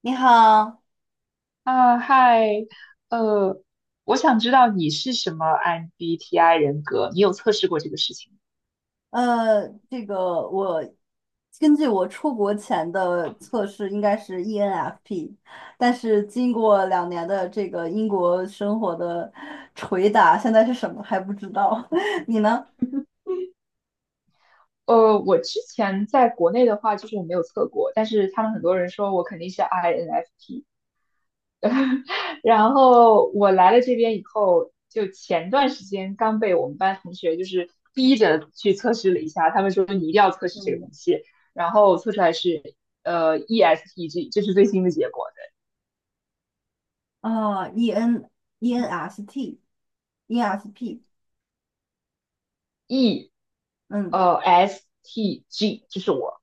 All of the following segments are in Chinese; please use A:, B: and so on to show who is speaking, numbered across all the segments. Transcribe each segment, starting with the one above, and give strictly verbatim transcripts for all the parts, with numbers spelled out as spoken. A: 你好。
B: 啊，嗨，呃，我想知道你是什么 M B T I 人格，你有测试过这个事情吗？
A: 呃，这个我根据我出国前的测试应该是 E N F P，但是经过两年的这个英国生活的捶打，现在是什么还不知道。你呢？
B: 呃，我之前在国内的话，就是我没有测过，但是他们很多人说我肯定是 I N F P。然后我来了这边以后，就前段时间刚被我们班同学就是逼着去测试了一下，他们说你一定要测试这个东
A: 嗯。
B: 西，然后测出来是呃 E S T G,这是最新的结果的
A: 啊 e n E N S T，E N S P。
B: ，E
A: 嗯。
B: 呃 S T G,这是我。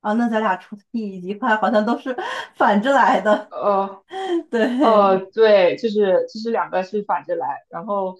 A: 啊，那咱俩出 T 以及快好像都是 反着来的。
B: 呃
A: 对。
B: 呃，对，就是就是两个是反着来，然后，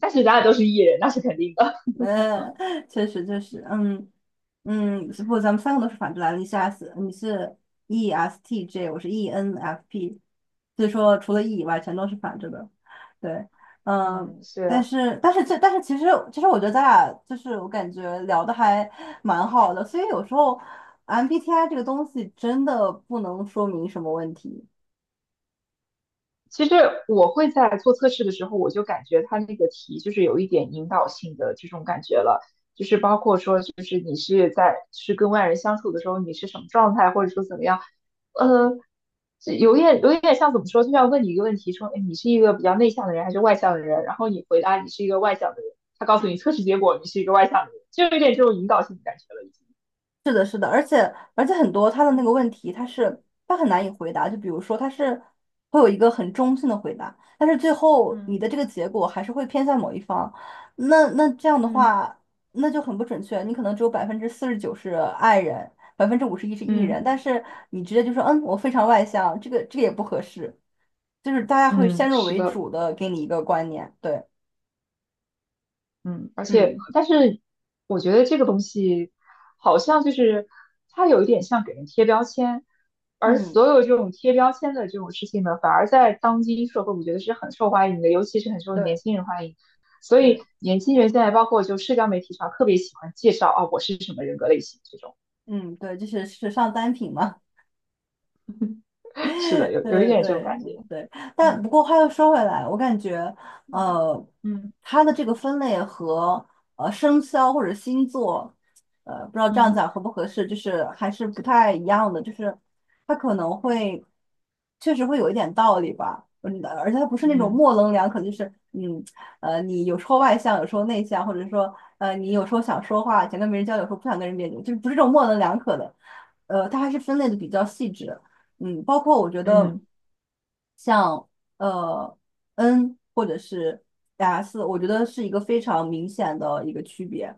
B: 但是咱俩都是艺人，那是肯定的。
A: 呃，确实确实，嗯嗯。是不，咱们三个都是反着来的，你是 S，你是 E S T J，我是 E N F P，所以说除了 E 以外，全都是反着的。对。嗯。
B: 嗯，
A: 但
B: 是。
A: 是但是这但是其实其实我觉得咱俩就是我感觉聊的还蛮好的，所以有时候 M B T I 这个东西真的不能说明什么问题。
B: 其实我会在做测试的时候，我就感觉它那个题就是有一点引导性的这种感觉了，就是包括说，就是你是在是跟外人相处的时候，你是什么状态，或者说怎么样，呃，这有点有点像怎么说，就像问你一个问题，说，哎，你是一个比较内向的人还是外向的人？然后你回答你是一个外向的人，他告诉你测试结果你是一个外向的人，就有点这种引导性的感觉了，已经。
A: 是的，是的，而且而且很多他的那个
B: 嗯
A: 问题，他是他很难以回答。就比如说，他是会有一个很中性的回答，但是最后
B: 嗯
A: 你的这个结果还是会偏向某一方。那那这样的
B: 嗯
A: 话，那就很不准确。你可能只有百分之四十九是爱人，百分之五十一是 E 人，
B: 嗯
A: 但是你直接就说嗯，我非常外向，这个这个也不合适。就是大家会
B: 嗯，
A: 先入
B: 是
A: 为
B: 的。
A: 主的给你一个观念。对，
B: 嗯，而且，
A: 嗯
B: 但是我觉得这个东西好像就是它有一点像给人贴标签，而
A: 嗯，
B: 所有这种贴标签的这种事情呢，反而在当今社会，我觉得是很受欢迎的，尤其是很受年
A: 对
B: 轻人欢迎。所以
A: 对，
B: 年轻人现在包括就社交媒体上特别喜欢介绍啊，我是什么人格类型这种。
A: 嗯对，就是时尚单品嘛。
B: 是的，有有一
A: 对
B: 点这种
A: 对
B: 感觉。
A: 对。但
B: 嗯
A: 不过话又说回来，我感觉，呃，
B: 嗯
A: 它的这个分类和呃生肖或者星座，呃，不知道这样
B: 嗯
A: 讲合不合适，就是还是不太一样的，就是它可能会确实会有一点道理吧。嗯，而且它不是那种
B: 嗯
A: 模棱两可，就是嗯，呃，你有时候外向，有时候内向，或者说呃，你有时候想说话，想跟别人交流，有时候不想跟人交流，就是不是这种模棱两可的。呃，它还是分类的比较细致。嗯，包括我觉
B: 嗯
A: 得
B: 嗯
A: 像呃 N 或者是 S,我觉得是一个非常明显的一个区别，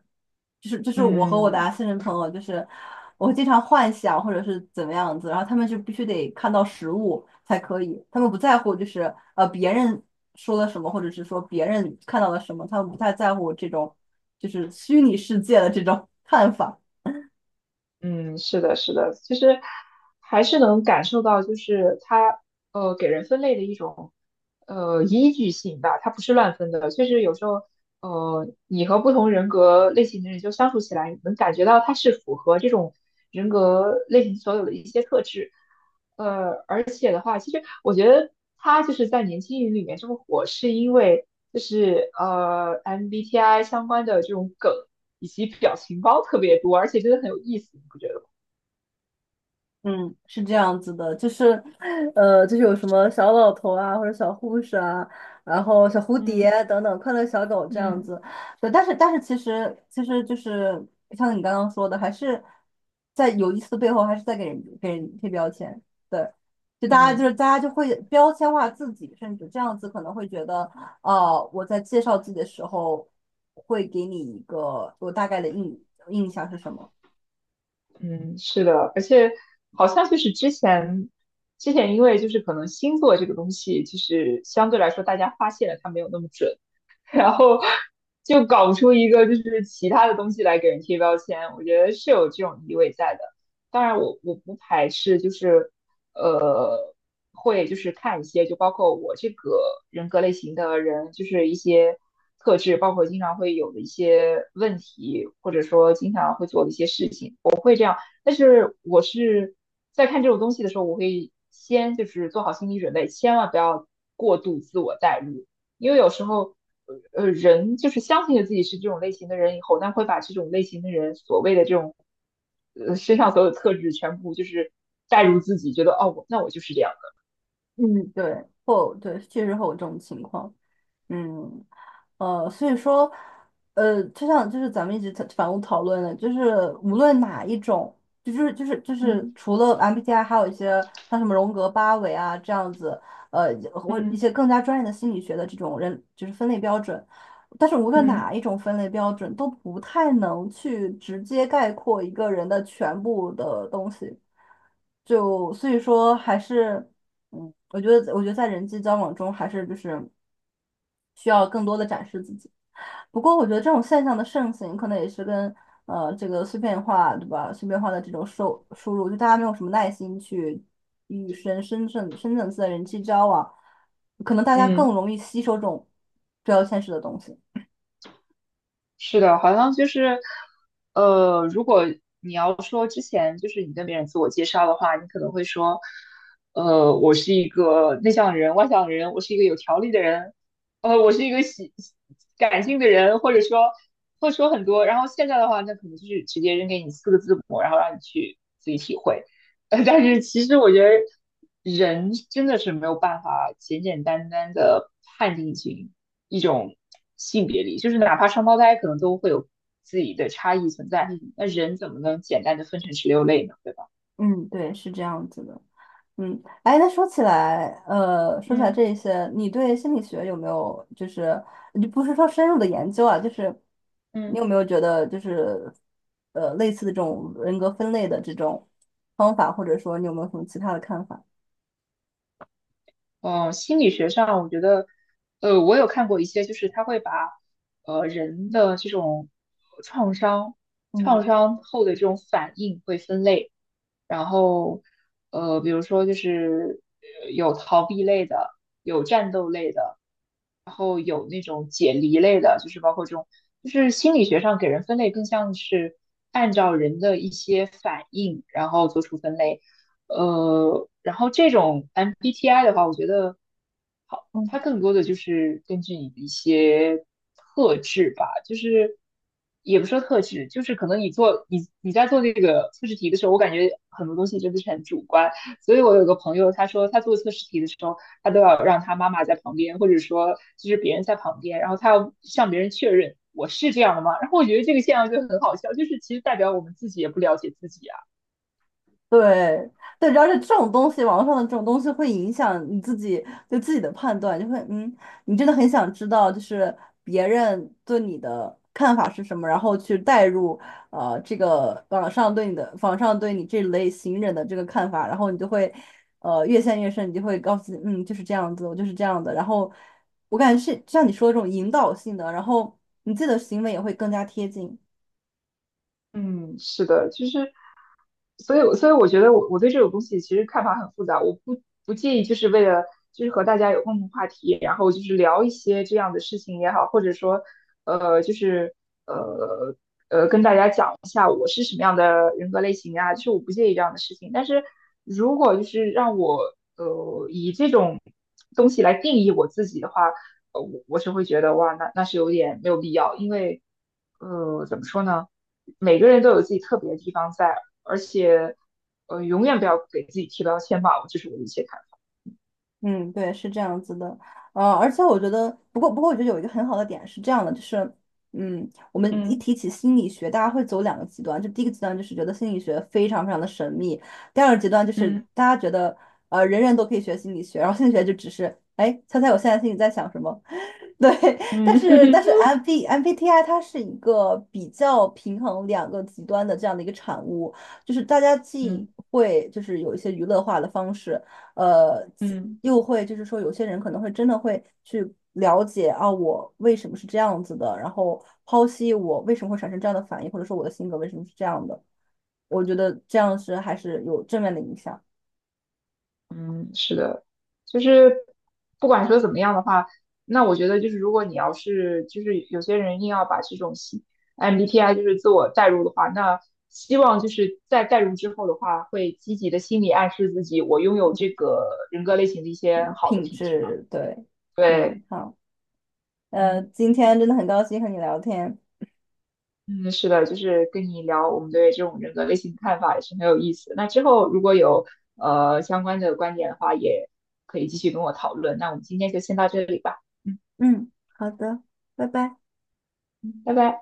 A: 就是就是我和我的
B: 嗯。
A: S 人朋友，就是我经常幻想或者是怎么样子，然后他们就必须得看到实物才可以，他们不在乎就是呃别人说了什么，或者是说别人看到了什么，他们不太在乎这种就是虚拟世界的这种 看法。
B: 嗯，是的，是的，其实还是能感受到，就是它呃给人分类的一种呃依据性吧，它不是乱分的。确实有时候呃你和不同人格类型的人就相处起来，你能感觉到它是符合这种人格类型所有的一些特质。呃，而且的话，其实。我觉得他就是在年轻人里面这么火，是因为就是呃 M B T I 相关的这种梗以及表情包特别多，而且真的很有意思，你不觉得吗？
A: 嗯，是这样子的，就是，呃，就是有什么小老头啊，或者小护士啊，然后小蝴蝶
B: 嗯
A: 等等，快乐小狗这样
B: 嗯
A: 子。对，但是但是其实其实就是像你刚刚说的，还是在有意思的背后，还是在给人给人贴标签。对，就大家就
B: 嗯
A: 是大家就会标签化自己，甚至这样子可能会觉得，哦，我在介绍自己的时候会给你一个我大概的印印象是什么。
B: 嗯，是的，而且好像就是之前之前因为就是可能星座这个东西，就是相对来说大家发现了它没有那么准，然后就搞不出一个就是其他的东西来给人贴标签，我觉得是有这种意味在的。当然我，我不排斥，就是呃，会就是看一些，就包括我这个人格类型的人，就是一些特质，包括经常会有的一些问题，或者说经常会做的一些事情，但是我是在看这种东西的时候，我会先就是做好心理准备，千万不要过度自我代入，因为有时候呃呃人就是相信了自己是这种类型的人以后，那会把这种类型的人所谓的这种呃身上所有的特质全部就是代入自己，觉得哦我那我就是这样的，
A: 嗯，对，会有对，确实会有这种情况。嗯。呃，所以说，呃，就像就是咱们一直在反复讨论的，就是无论哪一种，就就是就是就是
B: 嗯
A: 除了 M B T I,还有一些像什么荣格八维啊这样子，呃或一
B: 嗯
A: 些更加专业的心理学的这种人就是分类标准，但是无论哪
B: 嗯
A: 一种分类标准都不太能去直接概括一个人的全部的东西，就所以说还是嗯，我觉得我觉得在人际交往中还是就是需要更多的展示自己。不过，我觉得这种现象的盛行，可能也是跟呃这个碎片化，对吧？碎片化的这种收输入，就大家没有什么耐心去与深深层深层次的人际交往，可能大家
B: 嗯。
A: 更容易吸收这种标签式的东西。
B: 是的，好像就是，呃，如果你要说之前就是你跟别人自我介绍的话，你可能会说，呃，我是一个内向的人、外向的人，我是一个有条理的人，呃，我是一个喜感性的人，或者说会说很多。然后现在的话，那可能就是直接扔给你四个字母，然后让你去自己体会。呃，但是其实我觉得人真的是没有办法简简单单的判定一群。一种性别里，就是哪怕双胞胎可能都会有自己的差异存在，那人怎么能简单的分成十六类呢？对吧？
A: 嗯，对，是这样子的。嗯，哎，那说起来，呃，说起来
B: 嗯
A: 这些，你对心理学有没有就是你不是说深入的研究啊，就是你
B: 嗯。
A: 有没有觉得就是呃类似的这种人格分类的这种方法，或者说你有没有什么其他的看法？
B: 呃，心理学上，我觉得，呃，我有看过一些，就是他会把，呃，人的这种创伤、
A: 嗯
B: 创伤后的这种反应会分类，然后，呃，比如说就是呃有逃避类的，有战斗类的，然后有那种解离类的，就是包括这种，就是心理学上给人分类更像是按照人的一些反应，然后做出分类。呃，然后这种 M B T I 的话，我觉得好，它更多的就是根据你的一些特质吧，就是也不说特质，就是可能你做你你在做这个测试题的时候，我感觉很多东西真的是很主观。所以我有个朋友，他说他做测试题的时候，他都要让他妈妈在旁边，或者说就是别人在旁边，然后他要向别人确认我是这样的吗？然后我觉得这个现象就很好笑，就是其实代表我们自己也不了解自己。啊。
A: 对对，主要是这种东西，网络上的这种东西会影响你自己对自己的判断，就会嗯，你真的很想知道，就是别人对你的看法是什么，然后去带入呃这个网上对你的网上对你这类型人的这个看法，然后你就会呃越陷越深，你就会告诉自己嗯就是这样子，我就是这样的，然后我感觉是像你说的这种引导性的，然后你自己的行为也会更加贴近。
B: 嗯，是的，其实，所以，所以我觉得我我对这种东西其实看法很复杂，我不不介意，就是为了就是和大家有共同话题，然后就是聊一些这样的事情也好，或者说，呃，就是呃呃跟大家讲一下我是什么样的人格类型啊，就是我不介意这样的事情，但是如果就是让我呃以这种东西来定义我自己的话，呃，我我是会觉得哇，那那是有点没有必要，因为呃怎么说呢？每个人都有自己特别的地方在，而且呃，永远不要给自己贴标签吧，这是我的一些看法。
A: 嗯，对，是这样子的。呃，而且我觉得，不过不过，我觉得有一个很好的点是这样的，就是，嗯，我们一
B: 嗯
A: 提起心理学，大家会走两个极端，就第一个极端就是觉得心理学非常非常的神秘，第二个极端就是
B: 嗯
A: 大家觉得，呃，人人都可以学心理学，然后心理学就只是，哎，猜猜我现在心里在想什么。对。
B: 嗯
A: 但是但是 M B M B T I 它是一个比较平衡两个极端的这样的一个产物，就是大家既
B: 嗯
A: 会就是有一些娱乐化的方式，呃，
B: 嗯
A: 又会就是说有些人可能会真的会去了解啊，我为什么是这样子的，然后剖析我为什么会产生这样的反应，或者说我的性格为什么是这样的，我觉得这样是还是有正面的影响。
B: 嗯，是的，就是不管说怎么样的话，那我觉得就是如果你要是就是有些人硬要把这种心 M B T I 就是自我代入的话，那希望就是在代入之后的话，会积极的心理暗示自己，我拥有这个人格类型的一些好的
A: 品
B: 品质吧。
A: 质，对。嗯，
B: 对，
A: 好。
B: 嗯。
A: 呃，今天真的很高兴和你聊天。
B: 嗯，是的，就是跟你聊我们对这种人格类型的看法也是很有意思。那之后如果有呃相关的观点的话，也可以继续跟我讨论。那我们今天就先到这里吧，嗯，
A: 嗯，好的，拜拜。
B: 拜拜。